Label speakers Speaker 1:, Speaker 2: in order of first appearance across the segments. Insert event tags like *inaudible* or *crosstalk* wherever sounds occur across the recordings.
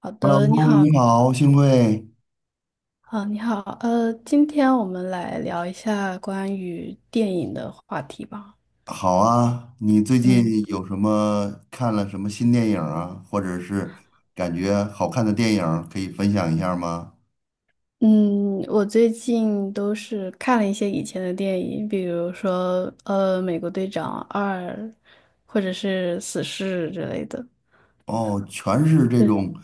Speaker 1: 好的，你
Speaker 2: Hello，
Speaker 1: 好，
Speaker 2: 你好，幸会，
Speaker 1: 啊，你好，今天我们来聊一下关于电影的话题吧。
Speaker 2: 好啊。你最
Speaker 1: 嗯
Speaker 2: 近有什么看了什么新电影啊，或者是感觉好看的电影可以分享一下吗？
Speaker 1: 嗯，我最近都是看了一些以前的电影，比如说《美国队长二》，或者是《死侍》之类的，
Speaker 2: 哦，全是这
Speaker 1: 对，
Speaker 2: 种，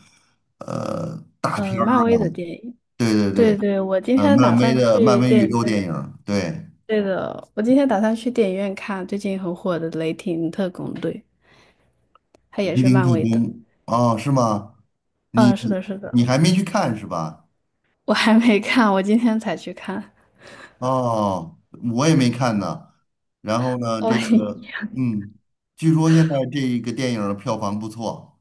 Speaker 2: 大
Speaker 1: 呃，
Speaker 2: 片儿。
Speaker 1: 漫威的电影。
Speaker 2: 对对
Speaker 1: 对
Speaker 2: 对，
Speaker 1: 对，我今天打算
Speaker 2: 漫
Speaker 1: 去
Speaker 2: 威
Speaker 1: 电
Speaker 2: 宇
Speaker 1: 影
Speaker 2: 宙电
Speaker 1: 院。
Speaker 2: 影，对，
Speaker 1: 对的，我今天打算去电影院看最近很火的《雷霆特工队》，它也
Speaker 2: 《雷
Speaker 1: 是
Speaker 2: 霆特
Speaker 1: 漫威
Speaker 2: 工》
Speaker 1: 的。
Speaker 2: 哦，是吗？你
Speaker 1: 嗯，是的，是的。
Speaker 2: 你还没去看是吧？
Speaker 1: 我还没看，我今天才去看
Speaker 2: 哦，我也没看呢。然后
Speaker 1: *laughs*。
Speaker 2: 呢，
Speaker 1: 哦，
Speaker 2: 这个，
Speaker 1: *laughs*
Speaker 2: 据说现在这一个电影的票房不错。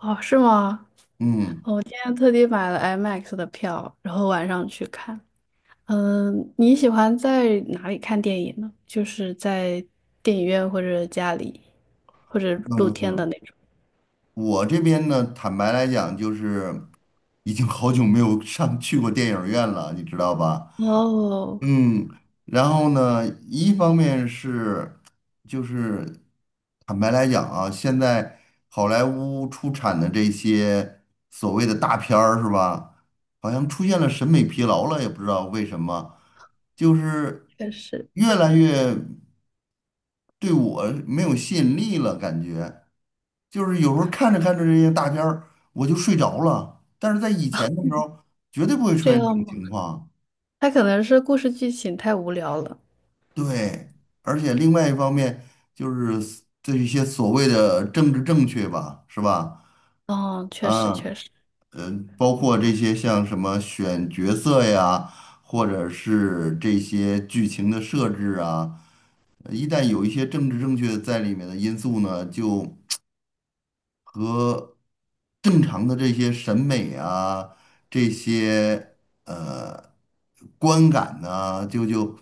Speaker 1: 哦，是吗？
Speaker 2: 嗯
Speaker 1: 哦，我今天特地买了 IMAX 的票，然后晚上去看。嗯，你喜欢在哪里看电影呢？就是在电影院或者家里，或者露天的
Speaker 2: 嗯，
Speaker 1: 那种。
Speaker 2: 我这边呢，坦白来讲，就是已经好久没有上去过电影院了，你知道吧？
Speaker 1: 哦，
Speaker 2: 嗯，然后呢，一方面是，就是坦白来讲啊，现在好莱坞出产的这些所谓的大片儿是吧，好像出现了审美疲劳了，也不知道为什么，就是
Speaker 1: 确实。
Speaker 2: 越来越对我没有吸引力了，感觉就是有时候看着看着这些大片儿，我就睡着了，但是在以前的时候绝对不会出
Speaker 1: 这
Speaker 2: 现这
Speaker 1: 样
Speaker 2: 种
Speaker 1: 吗？
Speaker 2: 情况。
Speaker 1: 他可能是故事剧情太无聊了。
Speaker 2: 对，而且另外一方面就是这一些所谓的政治正确吧，是吧？
Speaker 1: 哦，确实
Speaker 2: 嗯，
Speaker 1: 确实。
Speaker 2: 呃，包括这些像什么选角色呀，或者是这些剧情的设置啊，一旦有一些政治正确在里面的因素呢，就。正常的这些审美啊，这些呃观感呢、就就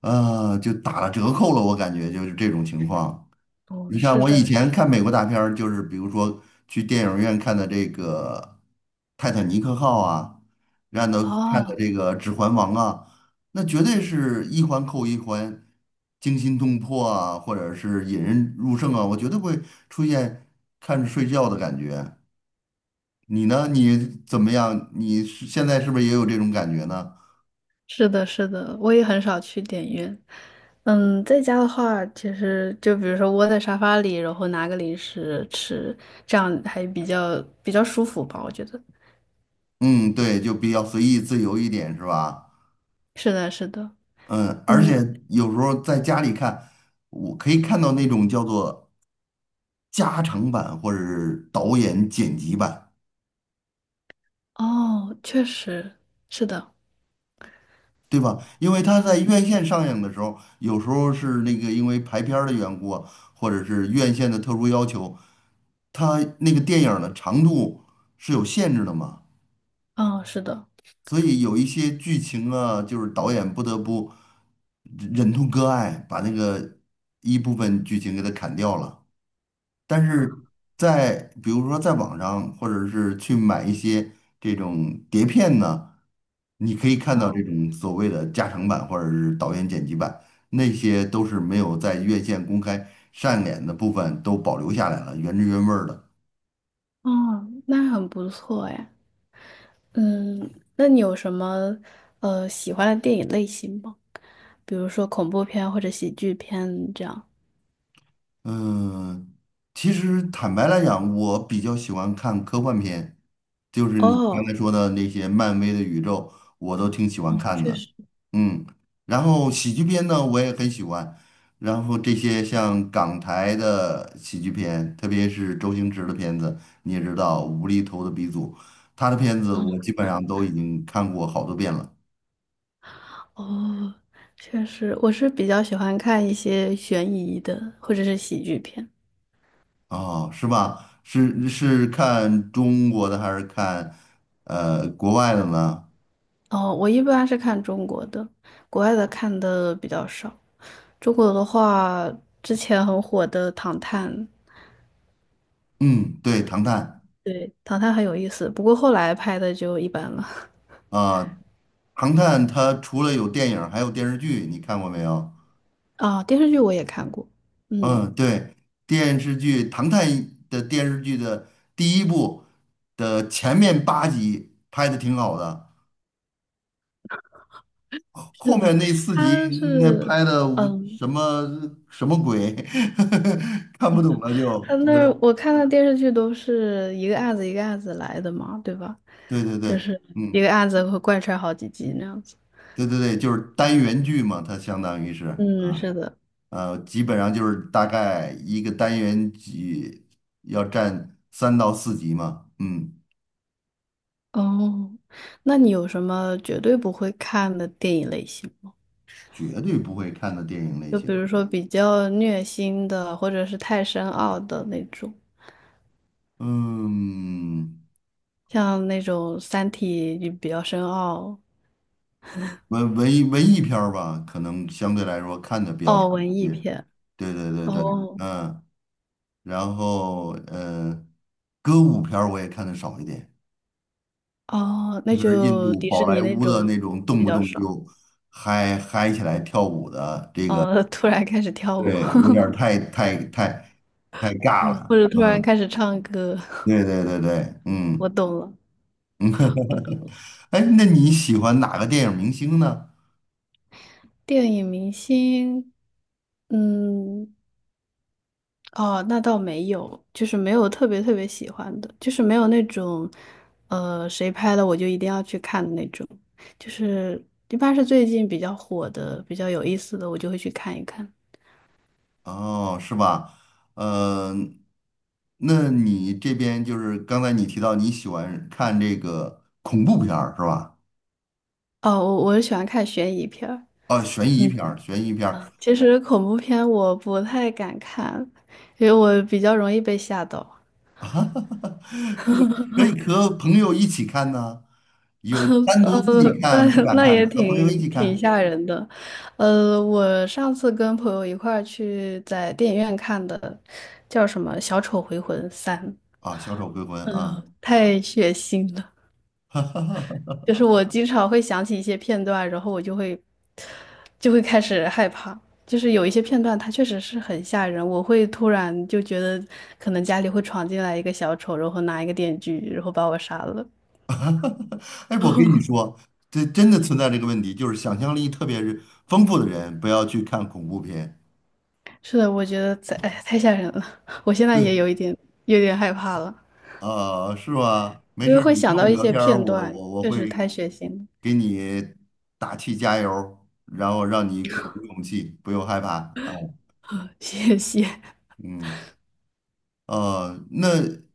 Speaker 2: 呃就打了折扣了。我感觉就是这种情况。
Speaker 1: 哦，
Speaker 2: 你看，
Speaker 1: 是
Speaker 2: 我以
Speaker 1: 的，是的。
Speaker 2: 前看美国大片儿，就是比如说去电影院看的这个《泰坦尼克号》啊，让的看的
Speaker 1: 哦。
Speaker 2: 这个《指环王》啊，那绝对是一环扣一环，惊心动魄啊，或者是引人入胜啊，我绝对不会出现看着睡觉的感觉。你呢？你怎么样？你是现在是不是也有这种感觉呢？
Speaker 1: 是的，是的，我也很少去电影院。嗯，在家的话，其实就比如说窝在沙发里，然后拿个零食吃，这样还比较舒服吧，我觉得。
Speaker 2: 嗯，对，就比较随意自由一点，是吧？
Speaker 1: 是的，是的，
Speaker 2: 嗯，而
Speaker 1: 嗯，
Speaker 2: 且有时候在家里看，我可以看到那种叫做加长版或者是导演剪辑版，
Speaker 1: 哦，确实是的，
Speaker 2: 对吧？因为他在院线上映的时候，有时候是那个因为排片儿的缘故啊或者是院线的特殊要求，他那个电影儿的长度是有限制的嘛。
Speaker 1: 哦，是的，
Speaker 2: 所以有一些剧情啊，就是导演不得不忍痛割爱，把那个一部分剧情给它砍掉了。但是比如说在网上，或者是去买一些这种碟片呢，你可以看到这种所谓的加长版或者是导演剪辑版，那些都是没有在院线公开上演的部分都保留下来了，原汁原味儿的。
Speaker 1: 哦，那很不错哎。嗯，那你有什么喜欢的电影类型吗？比如说恐怖片或者喜剧片这样。
Speaker 2: 嗯，其实坦白来讲，我比较喜欢看科幻片，就是你刚才
Speaker 1: 哦，
Speaker 2: 说的那些漫威的宇宙，我都挺喜欢看
Speaker 1: 确
Speaker 2: 的。
Speaker 1: 实。
Speaker 2: 嗯，然后喜剧片呢，我也很喜欢。然后这些像港台的喜剧片，特别是周星驰的片子，你也知道，无厘头的鼻祖，他的片子我基本上都已经看过好多遍了。
Speaker 1: 哦，确实，我是比较喜欢看一些悬疑的或者是喜剧片。
Speaker 2: 哦，是吧？是看中国的还是看国外的呢？
Speaker 1: 哦，我一般是看中国的，国外的看的比较少。中国的话，之前很火的《唐探》，
Speaker 2: 嗯，对，《唐探》
Speaker 1: 对，《唐探》很有意思，不过后来拍的就一般了。*laughs*
Speaker 2: 啊，《唐探》它除了有电影儿还有电视剧，你看过没有？
Speaker 1: 啊、电视剧我也看过，嗯，
Speaker 2: 嗯，对，电视剧《唐探》的电视剧的第一部的前面8集拍的挺好的，后
Speaker 1: 是
Speaker 2: 面
Speaker 1: 的，
Speaker 2: 那四集
Speaker 1: 他
Speaker 2: 那
Speaker 1: 是，
Speaker 2: 拍的我
Speaker 1: 嗯，
Speaker 2: 什么什么鬼，*laughs* 看不懂了就
Speaker 1: 他那
Speaker 2: 觉得，
Speaker 1: 儿我看的电视剧都是一个案子一个案子来的嘛，对吧？
Speaker 2: 对对对，
Speaker 1: 就是一
Speaker 2: 嗯，
Speaker 1: 个案子会贯穿好几集那样子。
Speaker 2: 对对对，就是单元剧嘛，它相当于是。
Speaker 1: 嗯，是的。
Speaker 2: 基本上就是大概一个单元要占3到4集嘛，嗯，
Speaker 1: 哦，那你有什么绝对不会看的电影类型吗？
Speaker 2: 绝对不会看的电影类
Speaker 1: 就
Speaker 2: 型。
Speaker 1: 比如说比较虐心的，或者是太深奥的那种，
Speaker 2: 嗯，
Speaker 1: 像那种《三体》就比较深奥，
Speaker 2: 文艺片儿吧，可能相对来说看的比较少
Speaker 1: 哦，
Speaker 2: 一
Speaker 1: 文艺
Speaker 2: 些。
Speaker 1: 片。
Speaker 2: 对对对对，
Speaker 1: 哦
Speaker 2: 嗯，然后歌舞片儿我也看的少一点，
Speaker 1: 哦，
Speaker 2: 特
Speaker 1: 那
Speaker 2: 别是印
Speaker 1: 就
Speaker 2: 度
Speaker 1: 迪
Speaker 2: 宝
Speaker 1: 士尼
Speaker 2: 莱
Speaker 1: 那
Speaker 2: 坞的那
Speaker 1: 种
Speaker 2: 种动
Speaker 1: 比
Speaker 2: 不
Speaker 1: 较
Speaker 2: 动
Speaker 1: 少。
Speaker 2: 就嗨嗨起来跳舞的这个。
Speaker 1: 哦，*laughs* 突然开始跳舞，
Speaker 2: 对，有点儿太太太太尬
Speaker 1: *laughs*
Speaker 2: 了。
Speaker 1: 或者突然
Speaker 2: 嗯，
Speaker 1: 开始唱歌，
Speaker 2: 对对对对，
Speaker 1: *laughs* 我
Speaker 2: 嗯，
Speaker 1: 懂了，我懂。
Speaker 2: 哎，那你喜欢哪个电影明星呢？
Speaker 1: 电影明星，嗯。哦，那倒没有，就是没有特别特别喜欢的，就是没有那种，呃，谁拍的我就一定要去看的那种，就是一般是最近比较火的、比较有意思的，我就会去看一看。
Speaker 2: 哦，是吧？嗯、那你这边就是刚才你提到你喜欢看这个恐怖片儿是吧？
Speaker 1: 哦，我喜欢看悬疑片儿。
Speaker 2: 哦，悬疑
Speaker 1: 嗯，
Speaker 2: 片儿，悬疑片儿
Speaker 1: 其实恐怖片我不太敢看，因为我比较容易被吓到。
Speaker 2: *laughs* 啊可以和朋友一起看呢，有单独自
Speaker 1: 呃，
Speaker 2: 己看
Speaker 1: 那
Speaker 2: 不敢
Speaker 1: 那
Speaker 2: 看，
Speaker 1: 也
Speaker 2: 和朋友一
Speaker 1: 挺
Speaker 2: 起
Speaker 1: 挺
Speaker 2: 看
Speaker 1: 吓人的。呃，我上次跟朋友一块儿去在电影院看的，叫什么《小丑回魂三》，
Speaker 2: 啊，小丑回魂》啊。
Speaker 1: 太血腥了。
Speaker 2: *laughs*
Speaker 1: 就是我经常会想起一些片段，然后我就会就会开始害怕。就是有一些片段，它确实是很吓人，我会突然就觉得可能家里会闯进来一个小丑，然后拿一个电锯，然后把我杀了。
Speaker 2: 哎，我跟你说，这真的存在这个问题，就是想象力特别是丰富的人，不要去看恐怖片。
Speaker 1: 是的，我觉得在，哎，太吓人了，*laughs* 我现在
Speaker 2: 对，
Speaker 1: 也有点害怕了。
Speaker 2: 啊、是吧？没
Speaker 1: 因
Speaker 2: 事
Speaker 1: 为
Speaker 2: 儿
Speaker 1: 会
Speaker 2: 你跟
Speaker 1: 想
Speaker 2: 我
Speaker 1: 到一
Speaker 2: 聊
Speaker 1: 些
Speaker 2: 天儿
Speaker 1: 片
Speaker 2: 我
Speaker 1: 段，
Speaker 2: 我我
Speaker 1: 确实太
Speaker 2: 会
Speaker 1: 血腥了。
Speaker 2: 给你打气加油儿然后让你鼓足勇气，不用害怕啊。
Speaker 1: *laughs* 谢谢。
Speaker 2: 嗯，那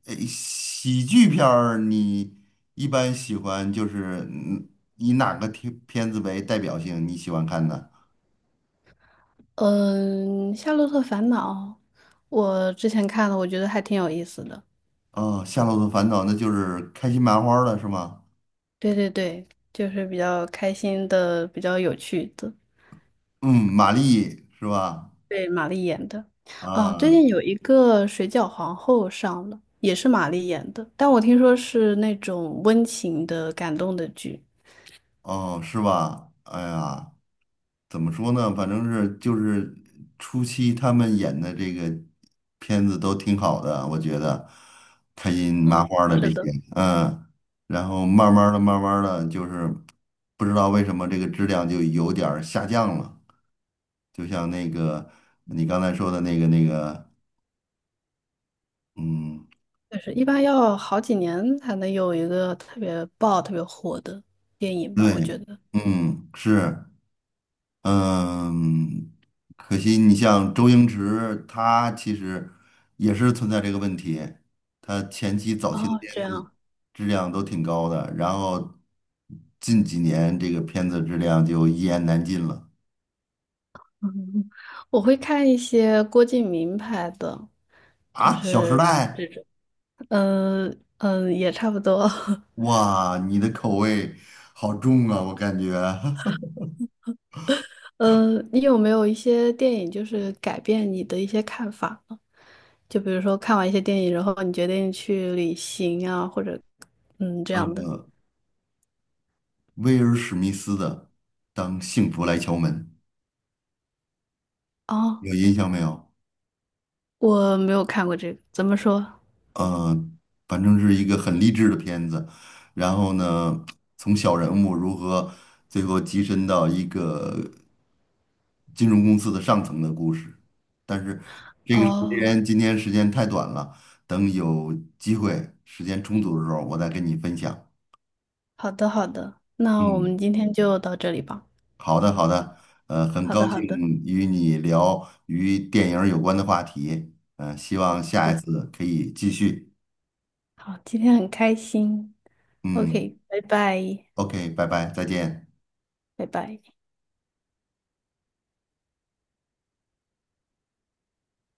Speaker 2: 喜剧片儿你一般喜欢就是以哪个片子为代表性？你喜欢看的？
Speaker 1: 嗯，《夏洛特烦恼》，我之前看了，我觉得还挺有意思的。
Speaker 2: 哦，《夏洛特烦恼》那就是开心麻花儿了，是吗？
Speaker 1: 对对对，就是比较开心的，比较有趣的。
Speaker 2: 嗯，玛丽是吧？
Speaker 1: 对，玛丽演的。哦，最
Speaker 2: 啊，
Speaker 1: 近有一个《水饺皇后》上了，也是玛丽演的，但我听说是那种温情的、感动的剧。
Speaker 2: 哦，是吧？哎呀，怎么说呢？反正是就是初期他们演的这个片子都挺好的，我觉得开心麻
Speaker 1: 嗯，
Speaker 2: 花的这
Speaker 1: 是
Speaker 2: 些，
Speaker 1: 的。
Speaker 2: 然后慢慢的、慢慢的，就是不知道为什么这个质量就有点儿下降了，就像那个你刚才说的那个，嗯，
Speaker 1: 就是一般要好几年才能有一个特别爆、特别火的电影吧，我觉
Speaker 2: 对，
Speaker 1: 得。
Speaker 2: 嗯，是。嗯，可惜你像周星驰，他其实也是存在这个问题。他早期的
Speaker 1: 哦，这
Speaker 2: 片子
Speaker 1: 样，
Speaker 2: 质量都挺高的，然后近几年这个片子质量就一言难尽了
Speaker 1: 嗯，我会看一些郭敬明拍的，
Speaker 2: 啊，
Speaker 1: 就
Speaker 2: 《小时代》
Speaker 1: 是，嗯嗯，也差不多。*laughs*
Speaker 2: 哇，你的口味好重啊，我感觉 *laughs*
Speaker 1: 嗯，你有没有一些电影就是改变你的一些看法呢？就比如说看完一些电影，然后你决定去旅行啊，或者嗯这样的。
Speaker 2: 威尔史密斯的《当幸福来敲门》
Speaker 1: 哦，
Speaker 2: 有印象没有？
Speaker 1: 我没有看过这个，怎么说？
Speaker 2: 呃，反正是一个很励志的片子。然后呢，从小人物如何最后跻身到一个金融公司的上层的故事。但是这个时
Speaker 1: 哦。
Speaker 2: 间今天时间太短了，等有机会时间充足的时候，我再跟你分享。
Speaker 1: 好的，好的，那我们
Speaker 2: 嗯，
Speaker 1: 今天就到这里吧。
Speaker 2: 好的好的，很
Speaker 1: 好
Speaker 2: 高
Speaker 1: 的，
Speaker 2: 兴
Speaker 1: 好的，
Speaker 2: 与你聊与电影儿有关的话题，希望
Speaker 1: 好
Speaker 2: 下一
Speaker 1: 的，
Speaker 2: 次可以继续。
Speaker 1: 好，今天很开心。
Speaker 2: 嗯
Speaker 1: OK，拜拜，
Speaker 2: ，OK，拜拜，再见。
Speaker 1: 拜拜。